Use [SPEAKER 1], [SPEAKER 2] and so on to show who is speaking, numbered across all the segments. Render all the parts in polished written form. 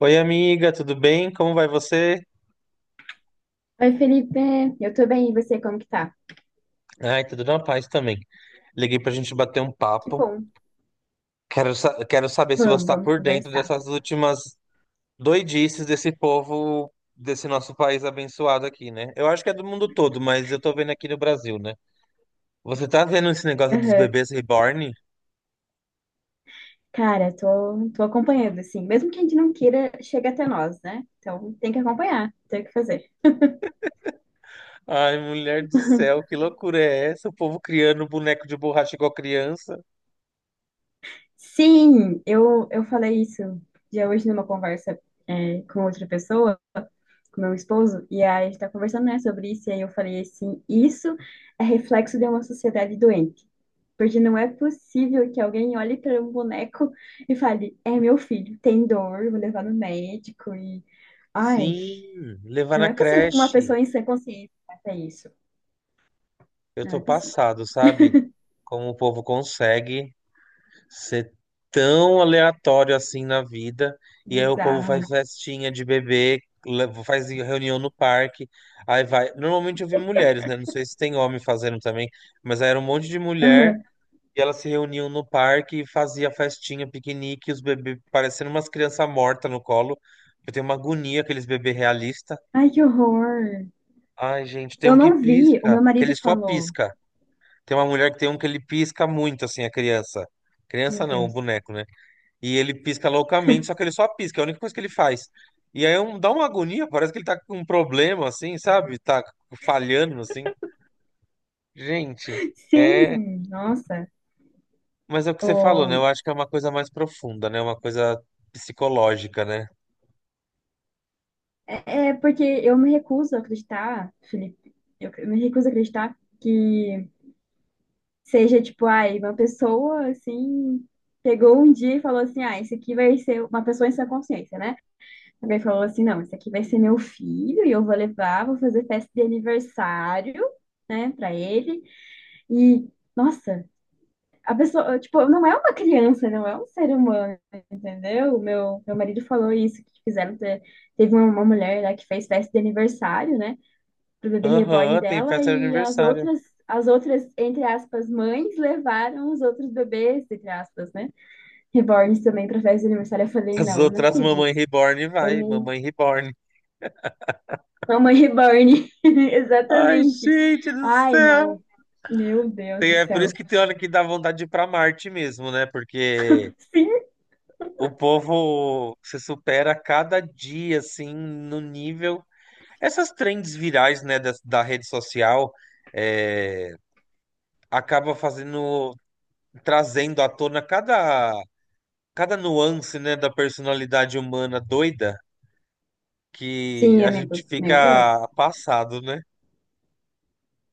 [SPEAKER 1] Oi, amiga, tudo bem? Como vai você?
[SPEAKER 2] Oi, Felipe, eu tô bem, e você, como que tá?
[SPEAKER 1] Ai, tudo na paz também. Liguei pra gente bater um
[SPEAKER 2] Que
[SPEAKER 1] papo.
[SPEAKER 2] bom,
[SPEAKER 1] Quero saber se você
[SPEAKER 2] vamos,
[SPEAKER 1] tá
[SPEAKER 2] vamos
[SPEAKER 1] por dentro
[SPEAKER 2] conversar.
[SPEAKER 1] dessas últimas doidices desse povo, desse nosso país abençoado aqui, né? Eu acho que é do mundo todo, mas eu tô vendo aqui no Brasil, né? Você tá vendo esse negócio dos
[SPEAKER 2] Aham.
[SPEAKER 1] bebês reborn?
[SPEAKER 2] Cara, tô acompanhando, assim, mesmo que a gente não queira, chega até nós, né? Então tem que acompanhar, tem o que fazer.
[SPEAKER 1] Ai, mulher do céu, que loucura é essa? O povo criando boneco de borracha igual criança?
[SPEAKER 2] Sim, eu falei isso já hoje numa conversa com outra pessoa, com meu esposo, e aí a gente tá conversando, né, sobre isso, e aí eu falei assim, isso é reflexo de uma sociedade doente. Porque não é possível que alguém olhe para um boneco e fale: É meu filho, tem dor, vou levar no médico. E. Ai,
[SPEAKER 1] Sim, levar
[SPEAKER 2] não
[SPEAKER 1] na
[SPEAKER 2] é possível que uma
[SPEAKER 1] creche.
[SPEAKER 2] pessoa em sã consciência faça isso.
[SPEAKER 1] Eu
[SPEAKER 2] Não
[SPEAKER 1] tô
[SPEAKER 2] é possível.
[SPEAKER 1] passado, sabe? Como o povo consegue ser tão aleatório assim na vida. E aí o povo faz
[SPEAKER 2] Bizarro.
[SPEAKER 1] festinha de bebê, faz reunião no parque. Aí vai. Normalmente eu vi mulheres, né? Não sei se tem homem fazendo também, mas aí era um monte de mulher.
[SPEAKER 2] Aham.
[SPEAKER 1] E elas se reuniam no parque e fazia festinha, piquenique, os bebês parecendo umas crianças mortas no colo. Eu tenho uma agonia aqueles bebês realistas.
[SPEAKER 2] Ai, que horror.
[SPEAKER 1] Ai, gente, tem
[SPEAKER 2] Eu
[SPEAKER 1] um que
[SPEAKER 2] não vi, o
[SPEAKER 1] pisca,
[SPEAKER 2] meu
[SPEAKER 1] que
[SPEAKER 2] marido
[SPEAKER 1] ele só
[SPEAKER 2] falou.
[SPEAKER 1] pisca. Tem uma mulher que tem um que ele pisca muito, assim, a criança.
[SPEAKER 2] Meu
[SPEAKER 1] Criança não, o
[SPEAKER 2] Deus.
[SPEAKER 1] boneco, né? E ele pisca loucamente, só que ele só pisca, é a única coisa que ele faz. E aí é um- dá uma agonia, parece que ele tá com um problema, assim, sabe? Tá falhando, assim. Gente, é.
[SPEAKER 2] Sim, nossa.
[SPEAKER 1] Mas é o que você falou, né?
[SPEAKER 2] O-
[SPEAKER 1] Eu acho que é uma coisa mais profunda, né? Uma coisa psicológica, né?
[SPEAKER 2] é porque eu me recuso a acreditar, Felipe. Eu me recuso a acreditar, que seja tipo, ai, uma pessoa assim, pegou um dia e falou assim: ah, esse aqui vai ser uma pessoa em sã consciência, né? Alguém falou assim: não, esse aqui vai ser meu filho e eu vou levar, vou fazer festa de aniversário, né, pra ele. E, nossa, a pessoa, tipo, não é uma criança, não é um ser humano, entendeu? O Meu marido falou isso, que fizeram, teve uma mulher lá que fez festa de aniversário, né? Pro bebê reborn
[SPEAKER 1] Aham, tem
[SPEAKER 2] dela
[SPEAKER 1] festa de
[SPEAKER 2] e as
[SPEAKER 1] aniversário.
[SPEAKER 2] outras, as outras, entre aspas, mães levaram os outros bebês, entre aspas, né? Reborns também pra festa de aniversário. Eu falei,
[SPEAKER 1] As
[SPEAKER 2] não, não
[SPEAKER 1] outras Mamãe
[SPEAKER 2] acredito.
[SPEAKER 1] Reborn
[SPEAKER 2] Eu
[SPEAKER 1] vai,
[SPEAKER 2] me.
[SPEAKER 1] Mamãe Reborn.
[SPEAKER 2] Mamãe reborn.
[SPEAKER 1] Ai,
[SPEAKER 2] Exatamente.
[SPEAKER 1] gente do
[SPEAKER 2] Ai,
[SPEAKER 1] céu!
[SPEAKER 2] não. Meu Deus
[SPEAKER 1] Tem-
[SPEAKER 2] do
[SPEAKER 1] é por isso
[SPEAKER 2] céu.
[SPEAKER 1] que tem hora que dá vontade de ir pra Marte mesmo, né? Porque
[SPEAKER 2] Sim.
[SPEAKER 1] o povo se supera a cada dia, assim, no nível. Essas trends virais, né, da rede social, é, acaba fazendo, trazendo à tona cada nuance, né, da personalidade humana doida que
[SPEAKER 2] Sim,
[SPEAKER 1] a gente
[SPEAKER 2] amigo. Meu
[SPEAKER 1] fica
[SPEAKER 2] Deus.
[SPEAKER 1] passado, né?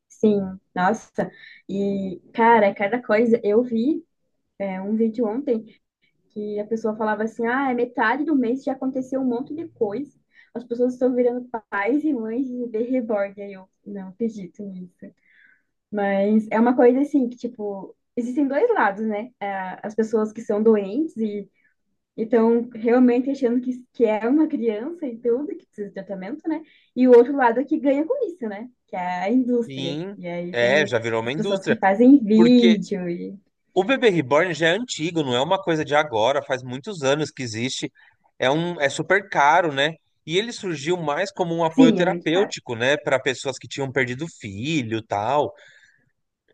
[SPEAKER 2] Sim. Nossa. E, cara, cada coisa. Eu vi um vídeo ontem que a pessoa falava assim, ah, é metade do mês já aconteceu um monte de coisa. As pessoas estão virando pais e mães de bebê reborn. Aí eu não acredito nisso. Mas é uma coisa assim que, tipo, existem dois lados, né? As pessoas que são doentes e estão realmente achando que é uma criança e tudo, que precisa de tratamento, né? E o outro lado é que ganha com isso, né? Que é a indústria.
[SPEAKER 1] Sim,
[SPEAKER 2] E aí
[SPEAKER 1] é,
[SPEAKER 2] tem
[SPEAKER 1] já virou uma
[SPEAKER 2] as pessoas
[SPEAKER 1] indústria.
[SPEAKER 2] que fazem
[SPEAKER 1] Porque
[SPEAKER 2] vídeo e.
[SPEAKER 1] o bebê reborn já é antigo, não é uma coisa de agora, faz muitos anos que existe. É super caro, né? E ele surgiu mais como um apoio
[SPEAKER 2] Sim, é muito caro.
[SPEAKER 1] terapêutico, né, para pessoas que tinham perdido filho, tal.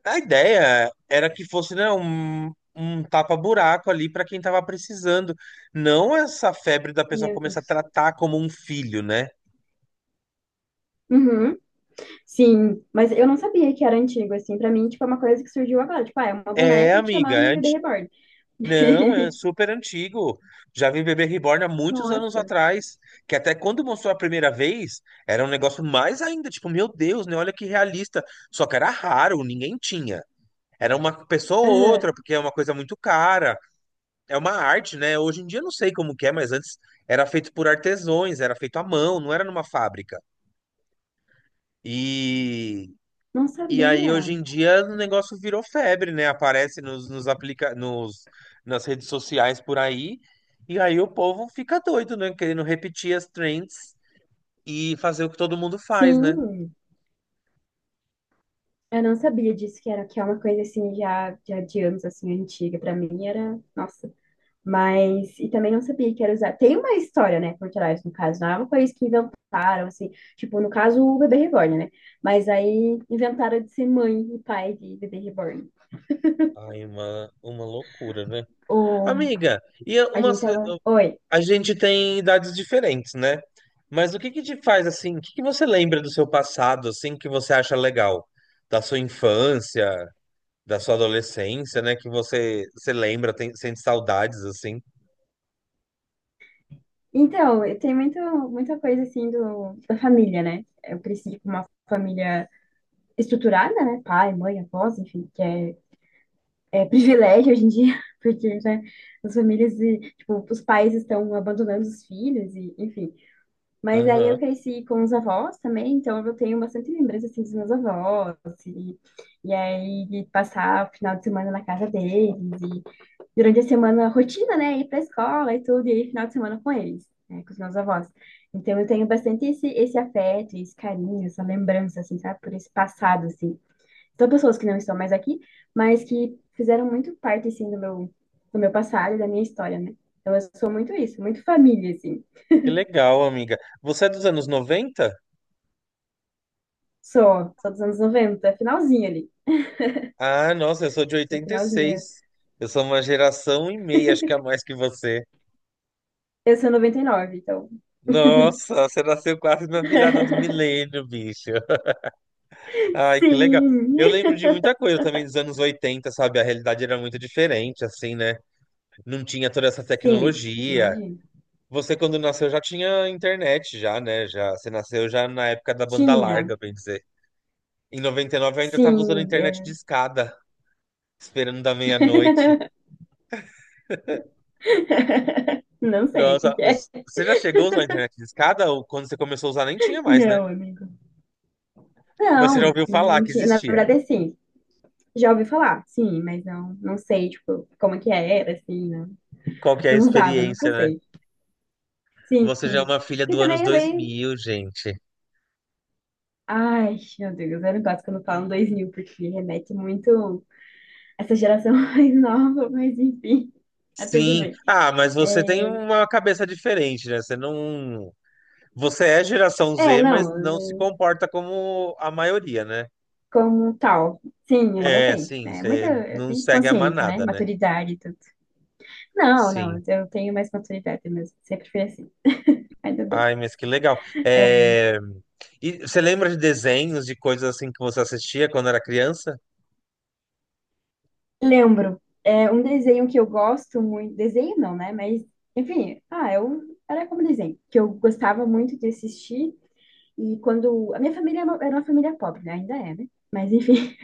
[SPEAKER 1] A ideia era que fosse, né, um tapa-buraco ali para quem tava precisando, não essa febre da pessoa
[SPEAKER 2] Meu
[SPEAKER 1] começar a
[SPEAKER 2] Deus.
[SPEAKER 1] tratar como um filho, né?
[SPEAKER 2] Uhum. Sim, mas eu não sabia que era antigo, assim. Pra mim, tipo, é uma coisa que surgiu agora. Tipo, ah, é uma
[SPEAKER 1] É,
[SPEAKER 2] boneca que
[SPEAKER 1] amiga,
[SPEAKER 2] chamaram de bebê reborn.
[SPEAKER 1] não, é super antigo. Já vi Bebê Reborn há muitos anos
[SPEAKER 2] Nossa,
[SPEAKER 1] atrás, que até quando mostrou a primeira vez, era um negócio mais ainda, tipo, meu Deus, né? Olha que realista. Só que era raro, ninguém tinha. Era uma pessoa ou
[SPEAKER 2] aham.
[SPEAKER 1] outra, porque é uma coisa muito cara. É uma arte, né? Hoje em dia eu não sei como que é, mas antes era feito por artesões, era feito à mão, não era numa fábrica.
[SPEAKER 2] Não
[SPEAKER 1] E aí, hoje
[SPEAKER 2] sabia.
[SPEAKER 1] em dia, o negócio virou febre, né? Aparece nos, nas redes sociais por aí. E aí o povo fica doido, né? Querendo repetir as trends e fazer o que todo mundo faz, né?
[SPEAKER 2] Sim, eu não sabia disso, que era que é uma coisa assim já, de anos assim antiga. Pra mim era, nossa. Mas e também não sabia que era usar. Tem uma história, né, por trás, no caso, não é uma coisa que inventaram assim, tipo, no caso o bebê reborn, né? Mas aí inventaram de ser mãe e pai de bebê reborn.
[SPEAKER 1] Ai, uma loucura, né?
[SPEAKER 2] O
[SPEAKER 1] Amiga,
[SPEAKER 2] A gente tava, oi.
[SPEAKER 1] a gente tem idades diferentes, né? Mas o que que te faz assim? O que que você lembra do seu passado, assim, que você acha legal? Da sua infância, da sua adolescência, né? Que você, você lembra, tem, sente saudades, assim.
[SPEAKER 2] Então, eu tenho muito, muita coisa assim da família, né? Eu cresci com uma família estruturada, né? Pai, mãe, avós, enfim, que é privilégio hoje em dia, porque, né, as famílias, e, tipo, os pais estão abandonando os filhos, e, enfim. Mas aí eu
[SPEAKER 1] Aham.
[SPEAKER 2] cresci com os avós também, então eu tenho bastante lembrança, assim, dos meus avós, e, e aí de passar o final de semana na casa deles, durante a semana rotina, né? Ir para a escola e tudo, e aí final de semana com eles, né? Com os meus avós. Então eu tenho bastante esse afeto, esse carinho, essa lembrança, assim, sabe? Por esse passado, assim. São pessoas que não estão mais aqui, mas que fizeram muito parte, assim, do meu passado e da minha história, né? Então eu sou muito isso, muito família, assim.
[SPEAKER 1] Que legal, amiga. Você é dos anos 90.
[SPEAKER 2] Sou dos anos 90, finalzinha ali.
[SPEAKER 1] Ah, nossa, eu sou de
[SPEAKER 2] Sou
[SPEAKER 1] oitenta e
[SPEAKER 2] finalzinha.
[SPEAKER 1] seis Eu sou uma geração e meia, acho que a mais que você.
[SPEAKER 2] Eu sou 99 então.
[SPEAKER 1] Nossa, você nasceu quase na virada do milênio, bicho. Ai, que legal.
[SPEAKER 2] Sim,
[SPEAKER 1] Eu lembro de muita coisa também dos anos 80, sabe? A realidade era muito diferente, assim, né? Não tinha toda essa
[SPEAKER 2] sim,
[SPEAKER 1] tecnologia.
[SPEAKER 2] imagina.
[SPEAKER 1] Você, quando nasceu, já tinha internet, já, né? Já, você nasceu já na época da banda
[SPEAKER 2] Tinha,
[SPEAKER 1] larga, bem dizer. Em 99, eu ainda tava usando
[SPEAKER 2] sim.
[SPEAKER 1] internet de
[SPEAKER 2] É.
[SPEAKER 1] escada, esperando da meia-noite.
[SPEAKER 2] Não sei o que
[SPEAKER 1] Nossa,
[SPEAKER 2] que é.
[SPEAKER 1] os- você já chegou a usar a internet de escada? Ou quando você começou a usar nem tinha mais, né?
[SPEAKER 2] Não, amigo.
[SPEAKER 1] Mas você já
[SPEAKER 2] Não,
[SPEAKER 1] ouviu
[SPEAKER 2] não,
[SPEAKER 1] falar
[SPEAKER 2] não
[SPEAKER 1] que
[SPEAKER 2] tinha. Na
[SPEAKER 1] existia.
[SPEAKER 2] verdade, assim, já ouvi falar, sim, mas não, não sei, tipo, como que era, assim, não,
[SPEAKER 1] Qual que é a
[SPEAKER 2] não usava, não
[SPEAKER 1] experiência, né?
[SPEAKER 2] sei. Sim,
[SPEAKER 1] Você já é uma filha
[SPEAKER 2] e
[SPEAKER 1] do anos
[SPEAKER 2] também
[SPEAKER 1] dois
[SPEAKER 2] vem.
[SPEAKER 1] mil, gente.
[SPEAKER 2] Ai, meu Deus, eu não gosto quando falam 2000 porque remete muito a essa geração mais nova, mas enfim, tá tudo
[SPEAKER 1] Sim.
[SPEAKER 2] bem.
[SPEAKER 1] Ah, mas você tem
[SPEAKER 2] É,
[SPEAKER 1] uma cabeça diferente, né? Você não... Você é geração
[SPEAKER 2] é,
[SPEAKER 1] Z, mas não se
[SPEAKER 2] não,
[SPEAKER 1] comporta como a maioria, né?
[SPEAKER 2] como tal, sim, ainda
[SPEAKER 1] É,
[SPEAKER 2] tem,
[SPEAKER 1] sim.
[SPEAKER 2] né? Muita,
[SPEAKER 1] Você
[SPEAKER 2] eu
[SPEAKER 1] não
[SPEAKER 2] tenho
[SPEAKER 1] segue a
[SPEAKER 2] consciência, né?
[SPEAKER 1] manada, né?
[SPEAKER 2] Maturidade e tudo. Não, não,
[SPEAKER 1] Sim.
[SPEAKER 2] eu tenho mais maturidade mesmo, sempre fui assim. Ainda bem.
[SPEAKER 1] Ai, mas que legal. É... e você lembra de desenhos, de coisas assim que você assistia quando era criança?
[SPEAKER 2] Lembro, é um desenho que eu gosto muito, desenho não, né? Mas, enfim, ah, eu era como desenho, que eu gostava muito de assistir. E quando a minha família era uma família pobre, né? Ainda é, né? Mas enfim,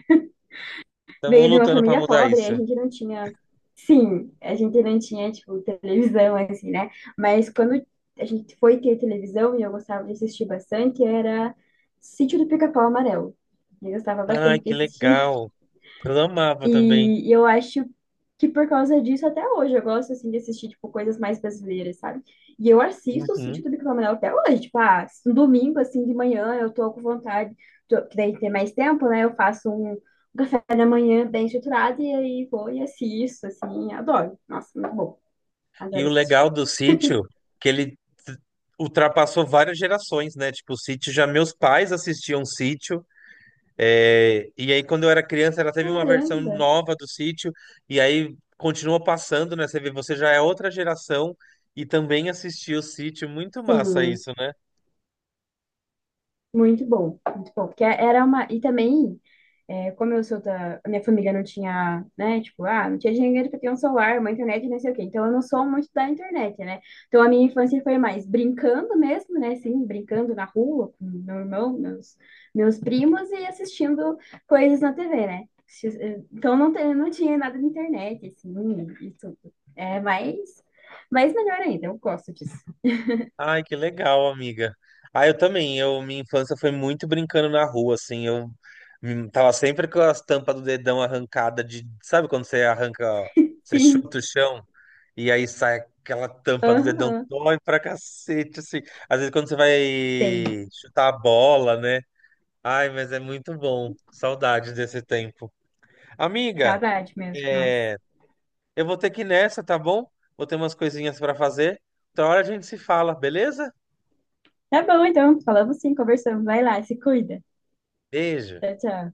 [SPEAKER 1] Estamos
[SPEAKER 2] veio de uma
[SPEAKER 1] lutando para
[SPEAKER 2] família
[SPEAKER 1] mudar
[SPEAKER 2] pobre,
[SPEAKER 1] isso.
[SPEAKER 2] a gente não tinha, sim, a gente não tinha tipo televisão assim, né? Mas quando a gente foi ter televisão e eu gostava de assistir bastante, era Sítio do Pica-Pau Amarelo. Eu gostava
[SPEAKER 1] Ai,
[SPEAKER 2] bastante de
[SPEAKER 1] que
[SPEAKER 2] assistir.
[SPEAKER 1] legal. Eu amava também.
[SPEAKER 2] E eu acho que por causa disso, até hoje, eu gosto, assim, de assistir, tipo, coisas mais brasileiras, sabe? E eu assisto o
[SPEAKER 1] Uhum.
[SPEAKER 2] Sítio do Pica-Pau até hoje, tipo, ah, um domingo, assim, de manhã, eu tô com vontade, tô, que daí tem mais tempo, né? Eu faço um café da manhã bem estruturado e aí vou e assisto, assim, adoro. Nossa, muito bom.
[SPEAKER 1] E
[SPEAKER 2] Adoro
[SPEAKER 1] o
[SPEAKER 2] assistir.
[SPEAKER 1] legal do sítio, que ele t- ultrapassou várias gerações, né? Tipo, o sítio já meus pais assistiam sítio. É, e aí, quando eu era criança, ela teve uma versão
[SPEAKER 2] Caramba!
[SPEAKER 1] nova do sítio. E aí continua passando, né? Você vê, você já é outra geração e também assistiu o sítio. Muito massa
[SPEAKER 2] Sim,
[SPEAKER 1] isso, né?
[SPEAKER 2] muito bom, muito bom. Porque era uma... E também... É, como eu sou a minha família não tinha, né? Tipo, ah, não tinha dinheiro pra ter um celular, uma internet, não sei o quê. Então, eu não sou muito da internet, né? Então, a minha infância foi mais brincando mesmo, né? Assim, brincando na rua com meu irmão, meus primos e assistindo coisas na TV, né? Então, não, não tinha nada de internet, assim, e tudo. É, mas melhor ainda, eu gosto disso.
[SPEAKER 1] Ai, que legal, amiga. Ah, eu também. Eu, minha infância foi muito brincando na rua, assim. Eu tava sempre com as tampas do dedão arrancada de, sabe quando você arranca, você
[SPEAKER 2] Sim,
[SPEAKER 1] chuta o chão e aí sai aquela tampa do dedão,
[SPEAKER 2] aham,
[SPEAKER 1] dói pra cacete, assim. Às vezes quando você
[SPEAKER 2] sei.
[SPEAKER 1] vai chutar a bola, né? Ai, mas é muito bom. Saudades desse tempo. Amiga,
[SPEAKER 2] Saudade mesmo, nossa.
[SPEAKER 1] é, eu vou ter que ir nessa, tá bom? Vou ter umas coisinhas pra fazer. Outra hora a gente se fala, beleza?
[SPEAKER 2] Tá bom, então, falamos sim, conversamos. Vai lá, se cuida.
[SPEAKER 1] Beijo.
[SPEAKER 2] Tchau, tchau.